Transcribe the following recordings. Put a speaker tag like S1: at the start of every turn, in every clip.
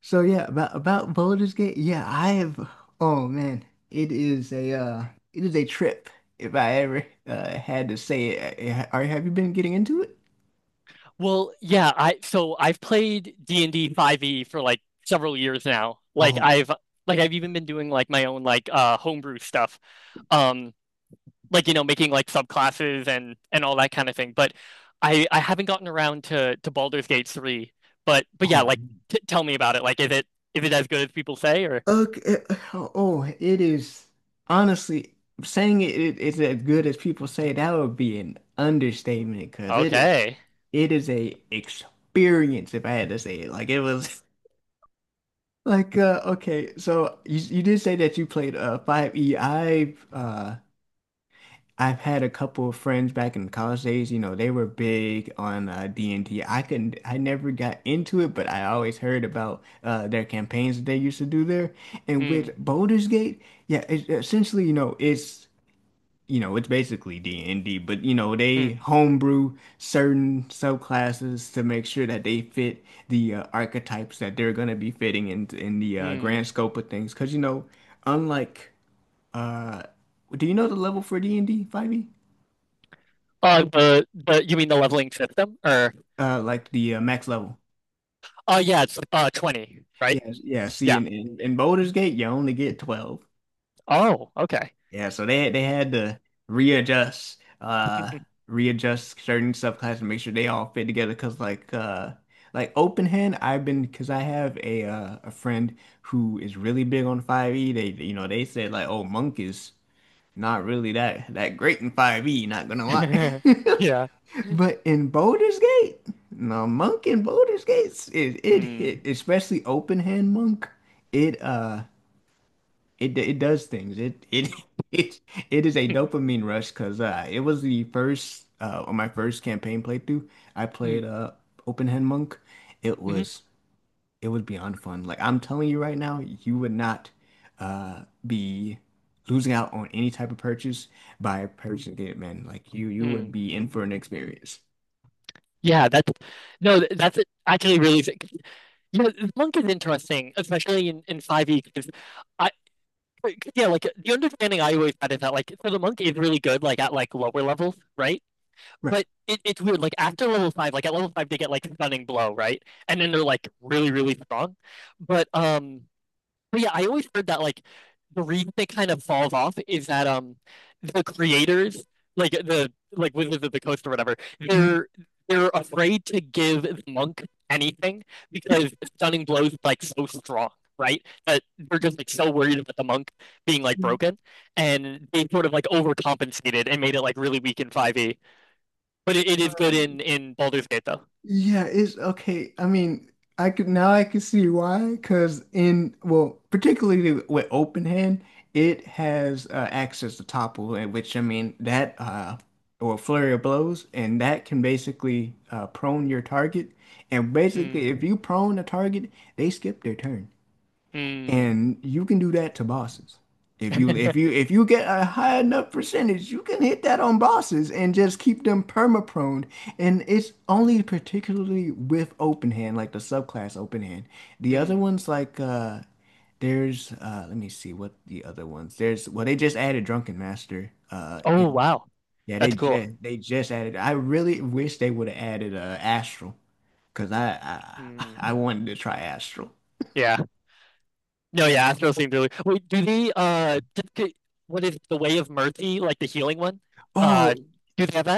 S1: So yeah, about Baldur's Gate, yeah, I have. Oh man, it is a it is a trip. If I ever had to say it, are Have you been getting into it?
S2: Well, yeah, I so I've played D&D 5e for like several years now. Like
S1: Oh,
S2: I've like I've even been doing like my own like homebrew stuff. Um like, making like subclasses and all that kind of thing. But I haven't gotten around to Baldur's Gate 3. But
S1: oh,
S2: yeah, like,
S1: man.
S2: t tell me about it. Like, is it as good as people say, or
S1: Okay. Oh, it is honestly saying it, it it's as good as people say. That would be an understatement, because
S2: okay.
S1: it is a experience, if I had to say it. Like it was So you did say that you played 5E. I've had a couple of friends back in college days, you know. They were big on D and D. I never got into it, but I always heard about their campaigns that they used to do there. And with
S2: Hmm.
S1: Baldur's Gate, yeah, it's essentially, you know, you know, it's basically D&D, but, you know, they
S2: Hmm.
S1: homebrew certain subclasses to make sure that they fit the archetypes that they're going to be fitting in the
S2: Hmm.
S1: grand scope of things. Because, you know, unlike, uh, do you know the level for D&D 5e?
S2: The you mean the leveling system, or
S1: Like the max level.
S2: oh yeah, it's 20,
S1: Yeah,
S2: right?
S1: yeah. See,
S2: Yeah.
S1: in Baldur's Gate, you only get 12.
S2: Oh, okay.
S1: Yeah, so they had to readjust, uh, readjust certain subclasses to make sure they all fit together. Cause like open hand, cause I have a friend who is really big on 5e. They, you know, they said like, oh, monk is not really that great in 5e. Not gonna lie.
S2: Yeah.
S1: But in Baldur's Gate, no, monk in Baldur's Gate, it
S2: Mm.
S1: hit, especially open hand monk. It uh, it does things. It it it is a
S2: Mm.
S1: dopamine rush, because it was the first on my first campaign playthrough, I
S2: Mm.
S1: played open hand monk. It
S2: Mhm.
S1: was it was beyond fun. Like I'm telling you right now, you would not be losing out on any type of purchase by purchasing it, man. Like you would
S2: Mm.
S1: be in for an experience.
S2: Yeah, that's no, that's actually really sick. Yeah, the monk is interesting, especially in 5e, because I 'cause, yeah, like, the understanding I always had is that, like, so the monk is really good, like, at, like, lower levels, right?
S1: Right.
S2: But it's weird, like, after level 5. Like, at level 5 they get like stunning blow, right? And then they're like really really strong. But But yeah, I always heard that, like, the reason they kind of falls off is that the creators, like the, like, Wizards of the Coast or whatever,
S1: Mm,
S2: they're afraid to give the monk anything because stunning blows like so strong, right? That they're just like so worried about the monk being like broken, and they sort of like overcompensated and made it like really weak in 5e. But it is good in Baldur's Gate though.
S1: yeah, it's okay. I mean, I could now I can see why. Because in well, particularly with open hand, it has access to topple, and which I mean that or flurry of blows, and that can basically prone your target. And basically,
S2: Hmm.
S1: if you prone a target, they skip their turn.
S2: Hmm.
S1: And you can do that to bosses. If you if you if you get a high enough percentage, you can hit that on bosses and just keep them perma-prone. And it's only particularly with open hand, like the subclass open hand. The other
S2: Hmm.
S1: ones like there's let me see what the other ones. There's well, they just added Drunken Master.
S2: Oh
S1: And
S2: wow,
S1: yeah,
S2: that's cool.
S1: they just added, I really wish they would have added Astral, because I
S2: Hmm.
S1: I wanted to try Astral.
S2: Yeah. No. Yeah. Astral seems really cool. Wait. Do they? What is it, the Way of Mercy? Like, the healing one?
S1: Oh,
S2: Uh. Do they have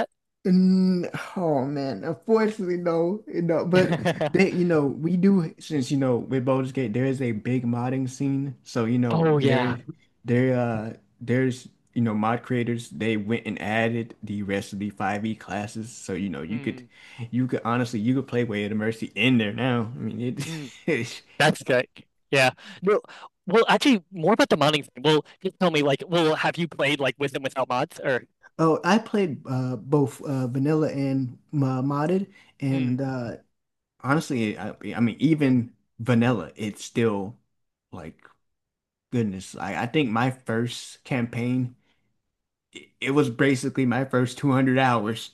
S1: mm, oh man, unfortunately, no, you know, but
S2: that?
S1: you know, we do, since you know with Baldur's Gate, there is a big modding scene. So you know,
S2: Oh yeah.
S1: there, uh, there's, you know, mod creators, they went and added the rest of the 5e classes. So you know,
S2: Mm,
S1: you could honestly, you could play Way of the Mercy in there now.
S2: mm.
S1: It,
S2: That's good. Yeah. Well, well, actually, more about the modding thing. Well, just tell me, like, well, have you played, like, with and without mods, or
S1: oh, I played both vanilla and modded, and
S2: mm,
S1: honestly, I mean, even vanilla, it's still like goodness. I think my first campaign, it was basically my first 200 hours.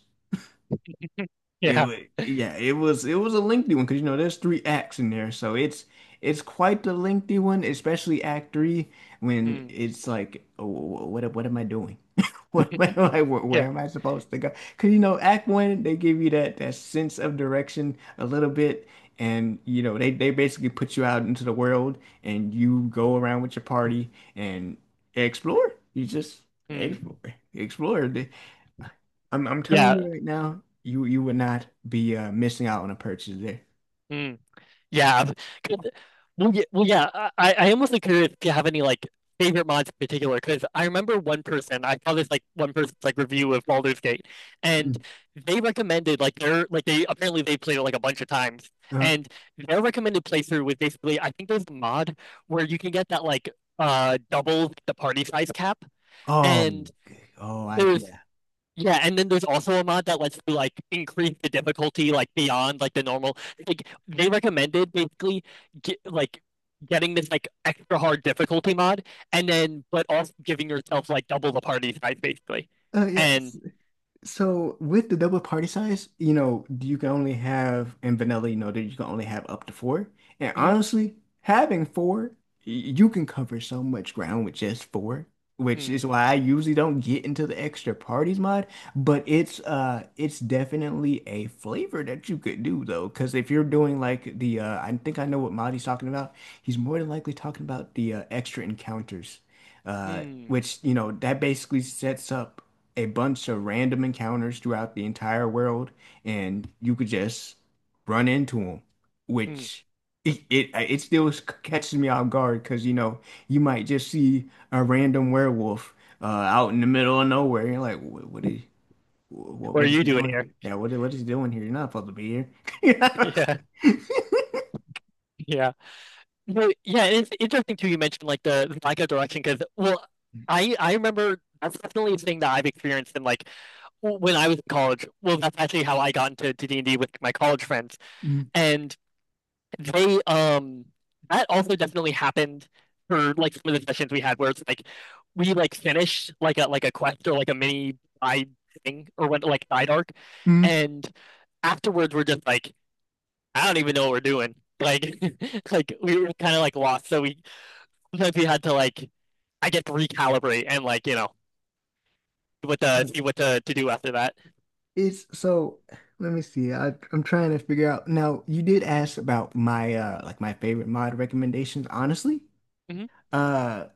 S1: It
S2: yeah,
S1: wa- yeah, it was a lengthy one, because you know there's 3 acts in there, so it's quite the lengthy one, especially Act Three, when
S2: mm,
S1: it's like, oh, what am I doing? What am I, where
S2: yeah,
S1: am I supposed to go? Because you know Act One, they give you that sense of direction a little bit, and you know they basically put you out into the world and you go around with your party and explore. You just explore,
S2: mm,
S1: explore. I'm telling
S2: yeah.
S1: you right now, you would not be missing out on a purchase there.
S2: Mm. Yeah. 'cause- Well, yeah, well, yeah. I almost like curious if you have any like favorite mods in particular, because I remember one person, I saw this, like, one person's like review of Baldur's Gate, and
S1: Mm.
S2: they recommended like their, like, they apparently they played it like a bunch of times,
S1: Uh,
S2: and their recommended playthrough was basically I think there's a mod where you can get that, like, double the party size cap,
S1: oh,
S2: and
S1: okay. Oh, I
S2: there's
S1: yeah.
S2: yeah, and then there's also a mod that lets you like increase the difficulty like beyond like the normal. Like, they recommended basically like getting this like extra hard difficulty mod, and then but also giving yourself like double the party size basically.
S1: Oh yeah.
S2: And
S1: So with the double party size, you know, you can only have in vanilla, you know, that you can only have up to 4. And
S2: mm,
S1: honestly, having 4, you can cover so much ground with just 4, which
S2: mm,
S1: is why I usually don't get into the extra parties mod. But it's definitely a flavor that you could do though, because if you're doing like the I think I know what mod he's talking about. He's more than likely talking about the extra encounters,
S2: mm,
S1: which you know, that basically sets up a bunch of random encounters throughout the entire world, and you could just run into them,
S2: mm.
S1: which it still catches me off guard, because you know you might just see a random werewolf out in the middle of nowhere. You're like, what is
S2: What are
S1: what is
S2: you
S1: he
S2: doing
S1: doing?
S2: here?
S1: Yeah, what is he doing here? You're not supposed to be here.
S2: Yeah, yeah, no, yeah. It's interesting too. You mentioned like the lack of direction because, well, I remember that's definitely a thing that I've experienced in, like, when I was in college. Well, that's actually how I got into D&D with my college friends, and they that also definitely happened for like some of the sessions we had where it's like we like finished like a quest, or like a mini side thing, or went like side arc,
S1: Mm-hmm.
S2: and afterwards we're just like I don't even know what we're doing. Like, like we were kind of like lost, so we sometimes we had to like, I guess, recalibrate and like, what to see what to do after that.
S1: It's so, let me see. I'm trying to figure out. Now, you did ask about my like my favorite mod recommendations. Honestly,
S2: Mhm.
S1: uh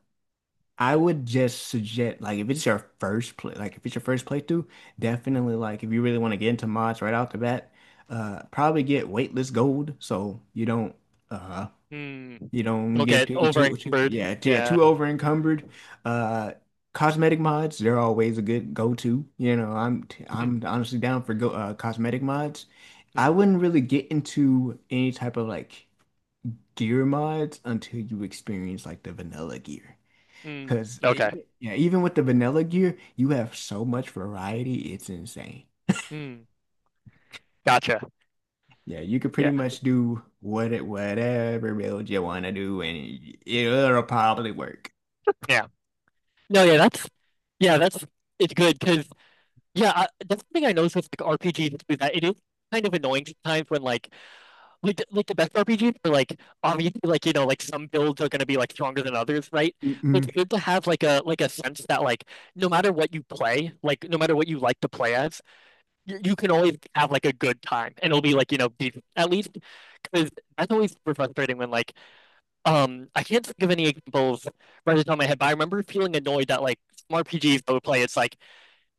S1: I would just suggest like if it's your first play like if it's your first playthrough, definitely, like if you really want to get into mods right off the bat, probably get Weightless Gold so uh
S2: Hmm.
S1: you don't
S2: You'll
S1: get
S2: get over
S1: too
S2: encumbered.
S1: yeah yeah
S2: Yeah.
S1: too over encumbered. Uh, cosmetic mods, they're always a good go-to. You know,
S2: Mm,
S1: I'm honestly down for go cosmetic mods. I
S2: mm,
S1: wouldn't really get into any type of like gear mods until you experience like the vanilla gear.
S2: mm.
S1: Because
S2: Okay.
S1: yeah, even with the vanilla gear, you have so much variety, it's insane.
S2: Mm. Gotcha.
S1: Yeah, you could pretty
S2: Yeah.
S1: much do whatever build you want to do, and it'll probably work.
S2: Yeah. No, yeah, that's it's good because, yeah, I, that's something I noticed with like RPGs too, that it is kind of annoying sometimes when like the best RPGs are, like, obviously, like, you know, like some builds are gonna be like stronger than others, right? But it's good to have, like, a sense that, like, no matter what you play, like, no matter what you like to play as, you can always have like a good time, and it'll be like, at least, because that's always super frustrating when, like, I can't think of any examples right off the top of my head. But I remember feeling annoyed that, like, some RPGs I would play, it's like,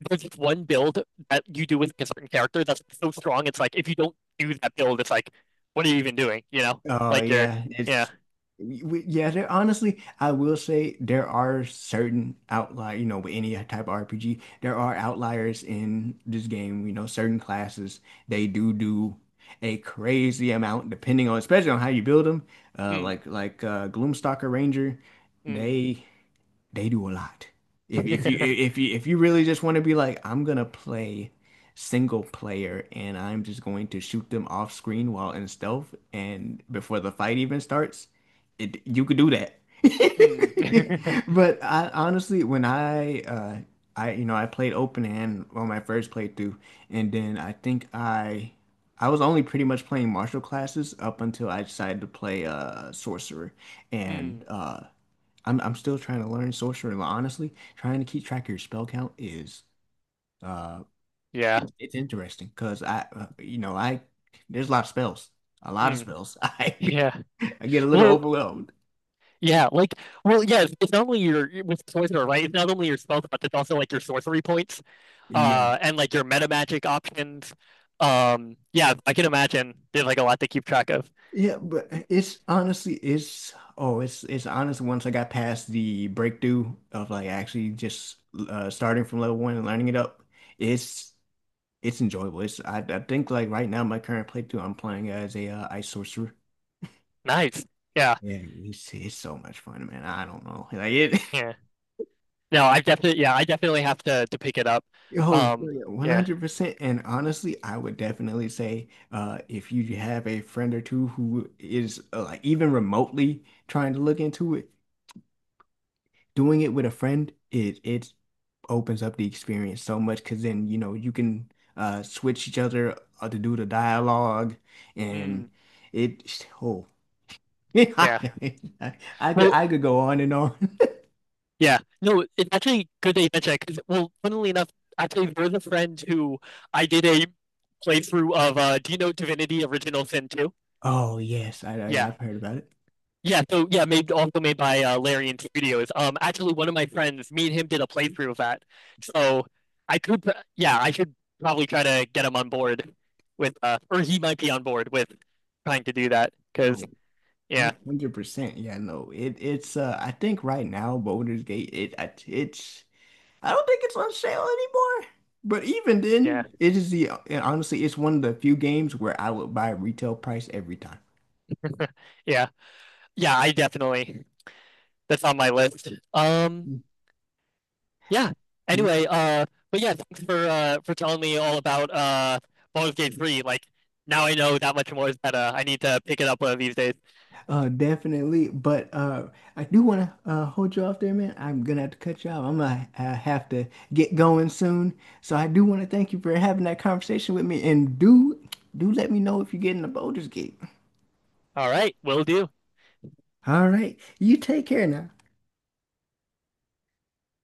S2: there's just one build that you do with a certain character that's so strong, it's like, if you don't do that build, it's like, what are you even doing, you know?
S1: Oh
S2: Like, you're
S1: yeah,
S2: yeah.
S1: it's yeah. There honestly, I will say there are certain outlier. You know, with any type of RPG, there are outliers in this game. You know, certain classes, they do do a crazy amount, depending on especially on how you build them.
S2: Mm,
S1: Gloomstalker Ranger,
S2: mm.
S1: they they do a lot. If if you really just want to be like, I'm gonna play single player and I'm just going to shoot them off screen while in stealth and before the fight even starts, you could do that.
S2: Mm,
S1: But I honestly, when I you know, I played open hand on my first playthrough, and then I think I was only pretty much playing martial classes up until I decided to play sorcerer, and
S2: mm,
S1: I'm still trying to learn sorcery. Like, honestly, trying to keep track of your spell count is uh,
S2: yeah,
S1: it's interesting, because I you know, I there's a lot of spells, a lot of
S2: mm,
S1: spells.
S2: yeah.
S1: I get a little
S2: Well,
S1: overwhelmed.
S2: yeah, like, well, yeah, it's not only your with Poisoner, right? It's not only your spells, but it's also like your sorcery points,
S1: Yeah.
S2: and like your meta magic options. Yeah, I can imagine there's like a lot to keep track of.
S1: Yeah, but it's honestly it's oh it's honestly, once I got past the breakthrough of like actually just starting from level one and learning it up, it's it's enjoyable. I think like right now my current playthrough, I'm playing as a ice sorcerer.
S2: Nice. Yeah,
S1: Yeah, it's so much fun, man. I don't know. Like
S2: yeah. No, I definitely, yeah, I definitely have to pick it up.
S1: yo, it's
S2: Um,
S1: really
S2: yeah.
S1: 100%. And honestly, I would definitely say if you have a friend or two who is like even remotely trying to look into it, doing it with a friend, it opens up the experience so much, because then, you know, you can switch each other to do the dialogue and
S2: Hmm.
S1: oh,
S2: Yeah.
S1: I,
S2: Well,
S1: I could go on and on.
S2: yeah. No, it's actually good that you mentioned that, 'cause, well, funnily enough, actually, there's a friend who I did a playthrough of, do you know Divinity Original Sin 2?
S1: Oh, yes,
S2: Yeah.
S1: I've heard about it.
S2: Yeah, so yeah, made also made by Larian Studios. Actually, one of my friends, me and him, did a playthrough of that. So I could, yeah, I should probably try to get him on board with, or he might be on board with trying to do that. Because
S1: Oh,
S2: yeah,
S1: 100%. Yeah, no. It it's I think right now Baldur's Gate it it's, I don't think it's on sale anymore. But even
S2: yeah,
S1: then, it is the, and honestly it's one of the few games where I would buy retail price every time.
S2: yeah, yeah, I definitely, that's on my list.
S1: Mm,
S2: Yeah.
S1: yeah,
S2: Anyway, but yeah, thanks for telling me all about Baldur's Gate 3. Like, now I know that much more is better. I need to pick it up one of these days.
S1: definitely. But I do want to hold you off there, man. I'm gonna have to cut you off. I'm gonna have to get going soon. So I do want to thank you for having that conversation with me, and do let me know if you're getting the Baldur's Gate.
S2: All right, will do.
S1: All right. You take care now.